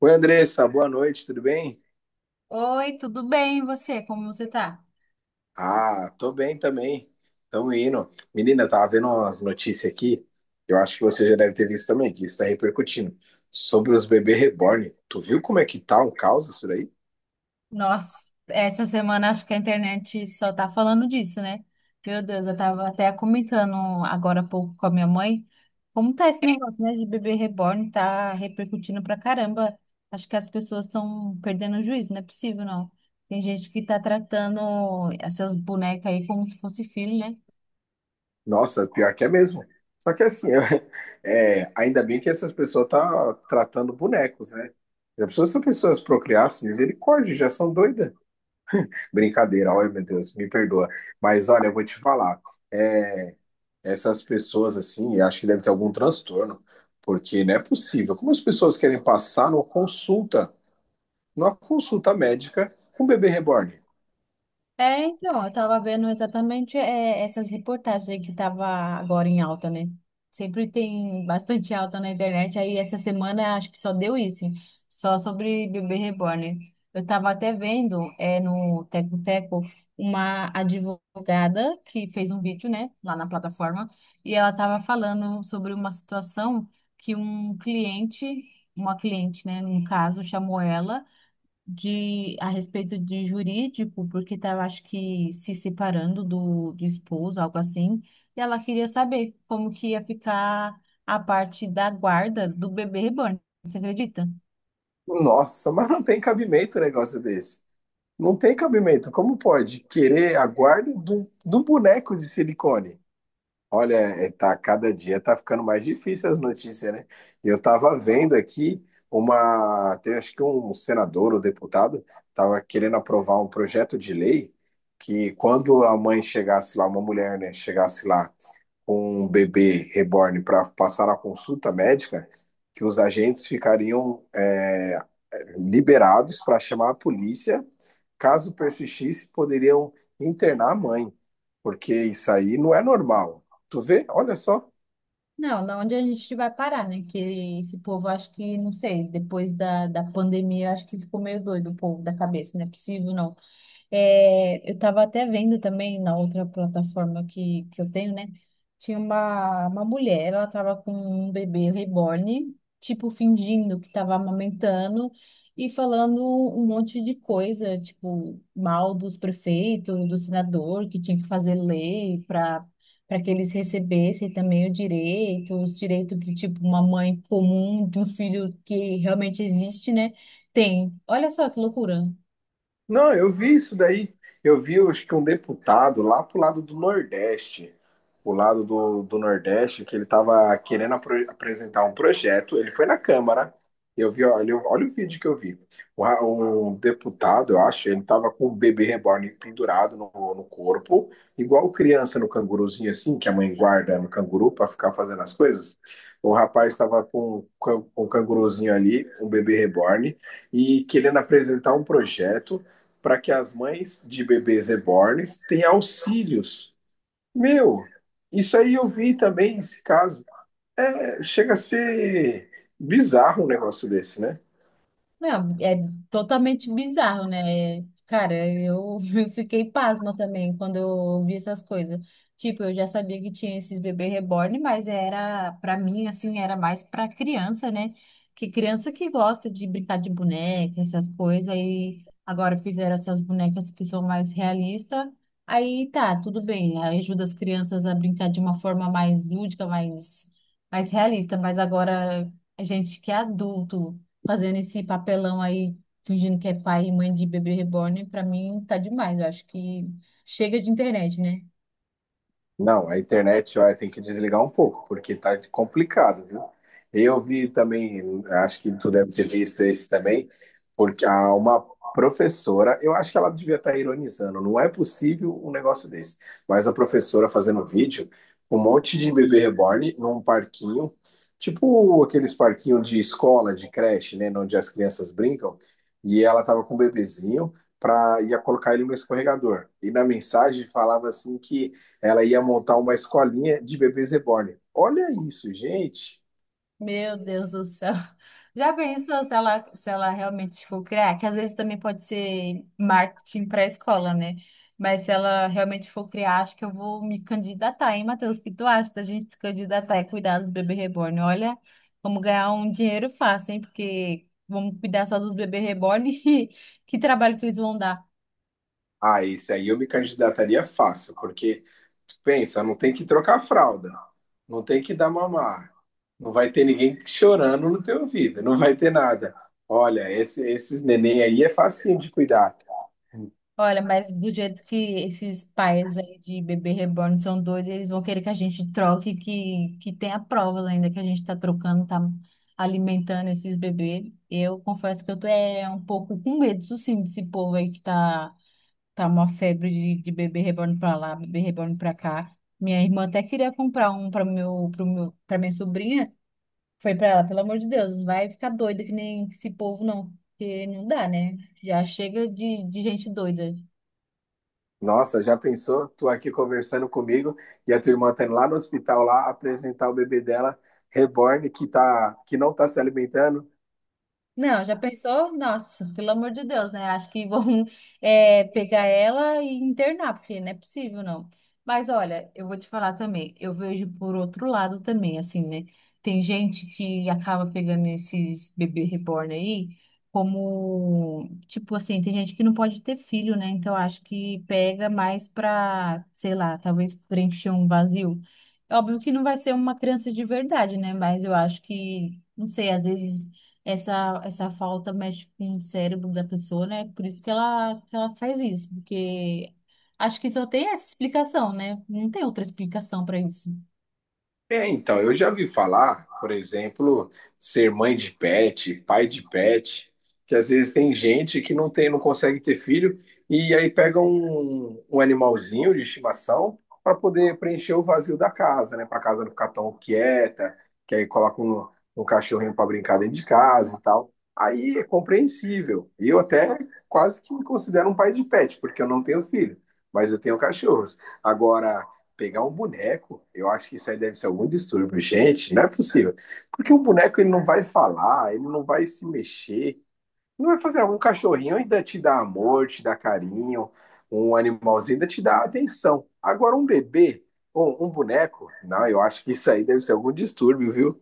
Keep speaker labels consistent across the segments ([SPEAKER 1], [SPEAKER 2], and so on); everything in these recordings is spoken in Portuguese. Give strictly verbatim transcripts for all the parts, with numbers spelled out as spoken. [SPEAKER 1] Oi, Andressa, boa noite, tudo bem?
[SPEAKER 2] Oi, tudo bem? E você? Como você tá?
[SPEAKER 1] Ah, tô bem também. Tamo indo. Menina, tava vendo umas notícias aqui. Eu acho que você já deve ter visto também, que isso tá repercutindo. Sobre os bebês reborn. Tu viu como é que tá o caos isso daí?
[SPEAKER 2] Nossa, essa semana acho que a internet só tá falando disso, né? Meu Deus, eu tava até comentando agora há pouco com a minha mãe como tá esse negócio, né, de bebê reborn, tá repercutindo pra caramba. Acho que as pessoas estão perdendo o juízo, não é possível, não. Tem gente que tá tratando essas bonecas aí como se fosse filho, né?
[SPEAKER 1] Nossa, pior que é mesmo. Só que assim, é, ainda bem que essas pessoas tá tratando bonecos, né? Já pensou se as pessoas procriassem, misericórdia, já são doidas. Brincadeira, olha, meu Deus, me perdoa. Mas olha, eu vou te falar. é, Essas pessoas assim, eu acho que deve ter algum transtorno, porque não é possível. Como as pessoas querem passar numa consulta, numa consulta médica com um bebê reborn?
[SPEAKER 2] É, então, eu tava vendo exatamente é, essas reportagens aí que tava agora em alta, né? Sempre tem bastante alta na internet, aí essa semana acho que só deu isso, só sobre bebê reborn. Eu tava até vendo é, no Teco Teco uma advogada que fez um vídeo, né, lá na plataforma, e ela tava falando sobre uma situação que um cliente, uma cliente, né, num caso, chamou ela de a respeito de jurídico, porque estava, acho que, se separando do, do esposo, algo assim, e ela queria saber como que ia ficar a parte da guarda do bebê reborn. Você acredita?
[SPEAKER 1] Nossa, mas não tem cabimento um negócio desse. Não tem cabimento. Como pode querer a guarda de um de um boneco de silicone? Olha, é, tá, cada dia tá ficando mais difícil as notícias, né? Eu tava vendo aqui uma, tem, acho que um senador ou deputado tava querendo aprovar um projeto de lei que quando a mãe chegasse lá, uma mulher, né, chegasse lá com um bebê reborn para passar na consulta médica, que os agentes ficariam é liberados para chamar a polícia. Caso persistisse, poderiam internar a mãe, porque isso aí não é normal. Tu vê? Olha só.
[SPEAKER 2] Não, não onde a gente vai parar, né? Que esse povo, acho que, não sei, depois da, da pandemia, acho que ficou meio doido o povo da cabeça, não é possível, não. É, eu estava até vendo também na outra plataforma que, que eu tenho, né? Tinha uma, uma mulher, ela estava com um bebê reborn, tipo, fingindo que estava amamentando e falando um monte de coisa, tipo, mal dos prefeitos, do senador, que tinha que fazer lei para para que eles recebessem também o direito, os direitos que, tipo, uma mãe comum de um filho que realmente existe, né? Tem. Olha só que loucura.
[SPEAKER 1] Não, eu vi isso daí. Eu vi, acho que um deputado lá pro lado do Nordeste, o lado do, do Nordeste, que ele tava querendo apro- apresentar um projeto. Ele foi na Câmara. Eu vi, olha, olha o vídeo que eu vi. O ra- Um deputado, eu acho, ele tava com o bebê reborn pendurado no, no corpo, igual criança no canguruzinho, assim, que a mãe guarda no canguru para ficar fazendo as coisas. O rapaz estava com, o can- com o canguruzinho ali, um bebê reborn, e querendo apresentar um projeto para que as mães de bebês rebornes tenham auxílios. Meu, isso aí eu vi também esse caso. É, chega a ser bizarro um negócio desse, né?
[SPEAKER 2] Não, é totalmente bizarro, né? Cara, eu, eu fiquei pasma também quando eu vi essas coisas. Tipo, eu já sabia que tinha esses bebês reborn, mas era, pra mim, assim, era mais pra criança, né? Que criança que gosta de brincar de boneca, essas coisas, e agora fizeram essas bonecas que são mais realistas. Aí tá, tudo bem, ajuda as crianças a brincar de uma forma mais lúdica, mais, mais realista, mas agora a gente que é adulto fazendo esse papelão aí, fingindo que é pai e mãe de bebê reborn, pra mim tá demais. Eu acho que chega de internet, né?
[SPEAKER 1] Não, a internet, olha, tem que desligar um pouco, porque tá complicado, viu? Eu vi também, acho que tu deve ter visto esse também, porque há uma professora, eu acho que ela devia estar ironizando, não é possível um negócio desse, mas a professora fazendo vídeo com um monte de bebê reborn num parquinho, tipo aqueles parquinhos de escola, de creche, né, onde as crianças brincam, e ela tava com um bebezinho, pra, ia colocar ele no escorregador, e na mensagem falava assim que ela ia montar uma escolinha de bebês reborn. Olha isso, gente.
[SPEAKER 2] Meu Deus do céu. Já pensou se ela, se ela realmente for criar? Que às vezes também pode ser marketing para a escola, né? Mas se ela realmente for criar, acho que eu vou me candidatar, hein, Matheus? O que tu acha da gente se candidatar e cuidar dos bebês reborn? Olha, vamos ganhar um dinheiro fácil, hein? Porque vamos cuidar só dos bebês reborn e que trabalho que eles vão dar.
[SPEAKER 1] Ah, esse aí eu me candidataria fácil, porque pensa, não tem que trocar fralda, não tem que dar mamar, não vai ter ninguém chorando no teu ouvido, não vai ter nada. Olha, esse, esses neném aí é facinho de cuidar.
[SPEAKER 2] Olha, mas do jeito que esses pais aí de bebê reborn são doidos, eles vão querer que a gente troque, que, que tenha provas ainda que a gente tá trocando, tá alimentando esses bebês. Eu confesso que eu tô é, um pouco com medo, isso sim, desse povo aí que tá, tá uma febre de, de bebê reborn pra lá, bebê reborn pra cá. Minha irmã até queria comprar um pra meu, pro meu, pra minha sobrinha. Foi pra ela, pelo amor de Deus, não vai ficar doida que nem esse povo, não. Porque não dá, né? Já chega de, de gente doida.
[SPEAKER 1] Nossa, já pensou? Tu aqui conversando comigo e a tua irmã tá indo lá no hospital lá apresentar o bebê dela, reborn, que, tá, que não tá se alimentando.
[SPEAKER 2] Não, já pensou? Nossa, pelo amor de Deus, né? Acho que vão eh, pegar ela e internar, porque não é possível, não. Mas olha, eu vou te falar também, eu vejo por outro lado também, assim, né? Tem gente que acaba pegando esses bebê reborn aí como, tipo assim, tem gente que não pode ter filho, né? Então acho que pega mais pra, sei lá, talvez preencher um vazio. É óbvio que não vai ser uma criança de verdade, né? Mas eu acho que, não sei, às vezes essa, essa falta mexe com o cérebro da pessoa, né? Por isso que ela, que ela faz isso, porque acho que só tem essa explicação, né? Não tem outra explicação para isso.
[SPEAKER 1] É, então, eu já vi falar, por exemplo, ser mãe de pet, pai de pet, que às vezes tem gente que não tem, não consegue ter filho, e aí pega um, um animalzinho de estimação para poder preencher o vazio da casa, né? Para a casa não ficar tão quieta, que aí coloca um, um cachorrinho para brincar dentro de casa e tal. Aí é compreensível. Eu até quase que me considero um pai de pet, porque eu não tenho filho, mas eu tenho cachorros. Agora pegar um boneco. Eu acho que isso aí deve ser algum distúrbio. Gente, não é possível. Porque o boneco ele não vai falar, ele não vai se mexer, não vai fazer algum cachorrinho ainda te dá amor, te dá carinho, um animalzinho ainda te dá atenção. Agora um bebê ou um boneco, não, eu acho que isso aí deve ser algum distúrbio, viu?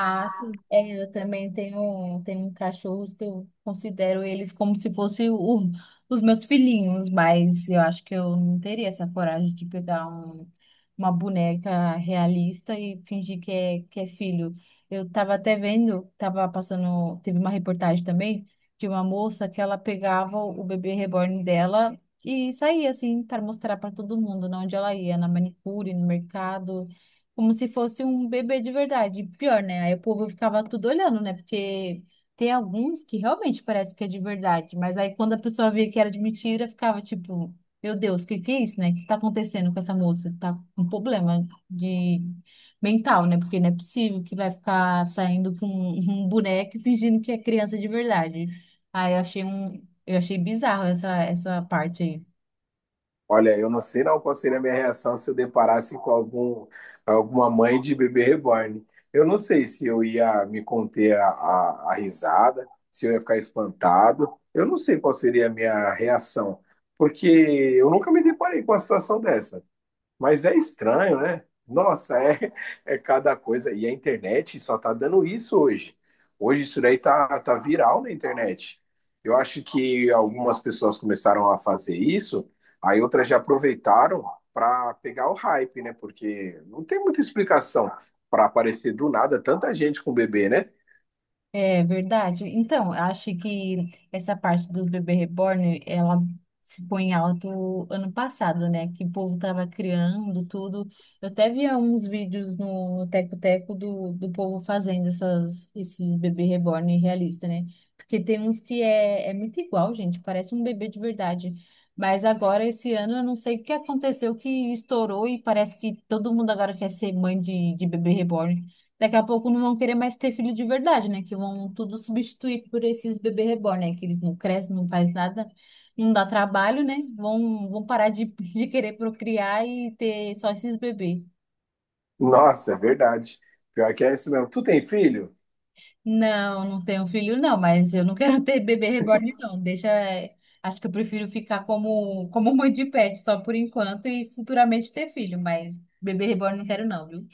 [SPEAKER 2] Ah, sim. É, eu também tenho, tenho cachorros que eu considero eles como se fossem o- os meus filhinhos, mas eu acho que eu não teria essa coragem de pegar um- uma boneca realista e fingir que é, que é filho. Eu tava até vendo, tava passando, teve uma reportagem também de uma moça que ela pegava o bebê reborn dela e saía assim para mostrar para todo mundo, né, onde ela ia, na manicure, no mercado como se fosse um bebê de verdade. Pior, né? Aí o povo ficava tudo olhando, né? Porque tem alguns que realmente parece que é de verdade, mas aí quando a pessoa via que era de mentira, ficava tipo, meu Deus, o que que é isso, né? O que tá acontecendo com essa moça? Tá com um problema de mental, né? Porque não é possível que vai ficar saindo com um boneco e fingindo que é criança de verdade. Aí eu achei um, eu achei bizarro essa essa parte aí.
[SPEAKER 1] Olha, eu não sei não qual seria a minha reação se eu deparasse com algum, alguma mãe de bebê reborn. Eu não sei se eu ia me conter a, a, a risada, se eu ia ficar espantado. Eu não sei qual seria a minha reação, porque eu nunca me deparei com uma situação dessa. Mas é estranho, né? Nossa, é, é cada coisa. E a internet só tá dando isso hoje. Hoje isso daí tá, tá viral na internet. Eu acho que algumas pessoas começaram a fazer isso, aí outras já aproveitaram para pegar o hype, né? Porque não tem muita explicação para aparecer do nada tanta gente com bebê, né?
[SPEAKER 2] É verdade. Então, eu acho que essa parte dos bebê reborn, ela ficou em alto ano passado, né? Que o povo tava criando tudo. Eu até via uns vídeos no Teco Teco do, do povo fazendo essas, esses bebê reborn realista, né? Porque tem uns que é, é muito igual, gente, parece um bebê de verdade. Mas agora, esse ano, eu não sei o que aconteceu, que estourou e parece que todo mundo agora quer ser mãe de, de bebê reborn. Daqui a pouco não vão querer mais ter filho de verdade, né? Que vão tudo substituir por esses bebê reborn, né? Que eles não crescem, não faz nada, não dá trabalho, né? Vão, vão parar de, de querer procriar e ter só esses bebês.
[SPEAKER 1] Nossa, é verdade. Pior que é isso mesmo. Tu tem filho?
[SPEAKER 2] Não, não tenho filho, não, mas eu não quero ter bebê reborn, não. Deixa. eh, Acho que eu prefiro ficar como, como mãe de pet só por enquanto e futuramente ter filho, mas bebê reborn não quero, não, viu?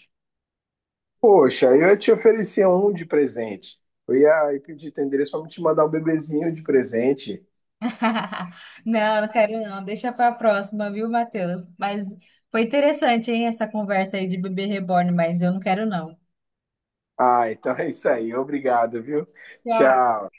[SPEAKER 1] Poxa, eu te oferecia um de presente. Eu ia aí pedir teu endereço pra me te mandar um bebezinho de presente.
[SPEAKER 2] Não, não quero não. Deixa pra próxima, viu, Matheus? Mas foi interessante, hein, essa conversa aí de bebê reborn, mas eu não quero não.
[SPEAKER 1] Ah, então é isso aí. Obrigado, viu?
[SPEAKER 2] Tchau.
[SPEAKER 1] Tchau.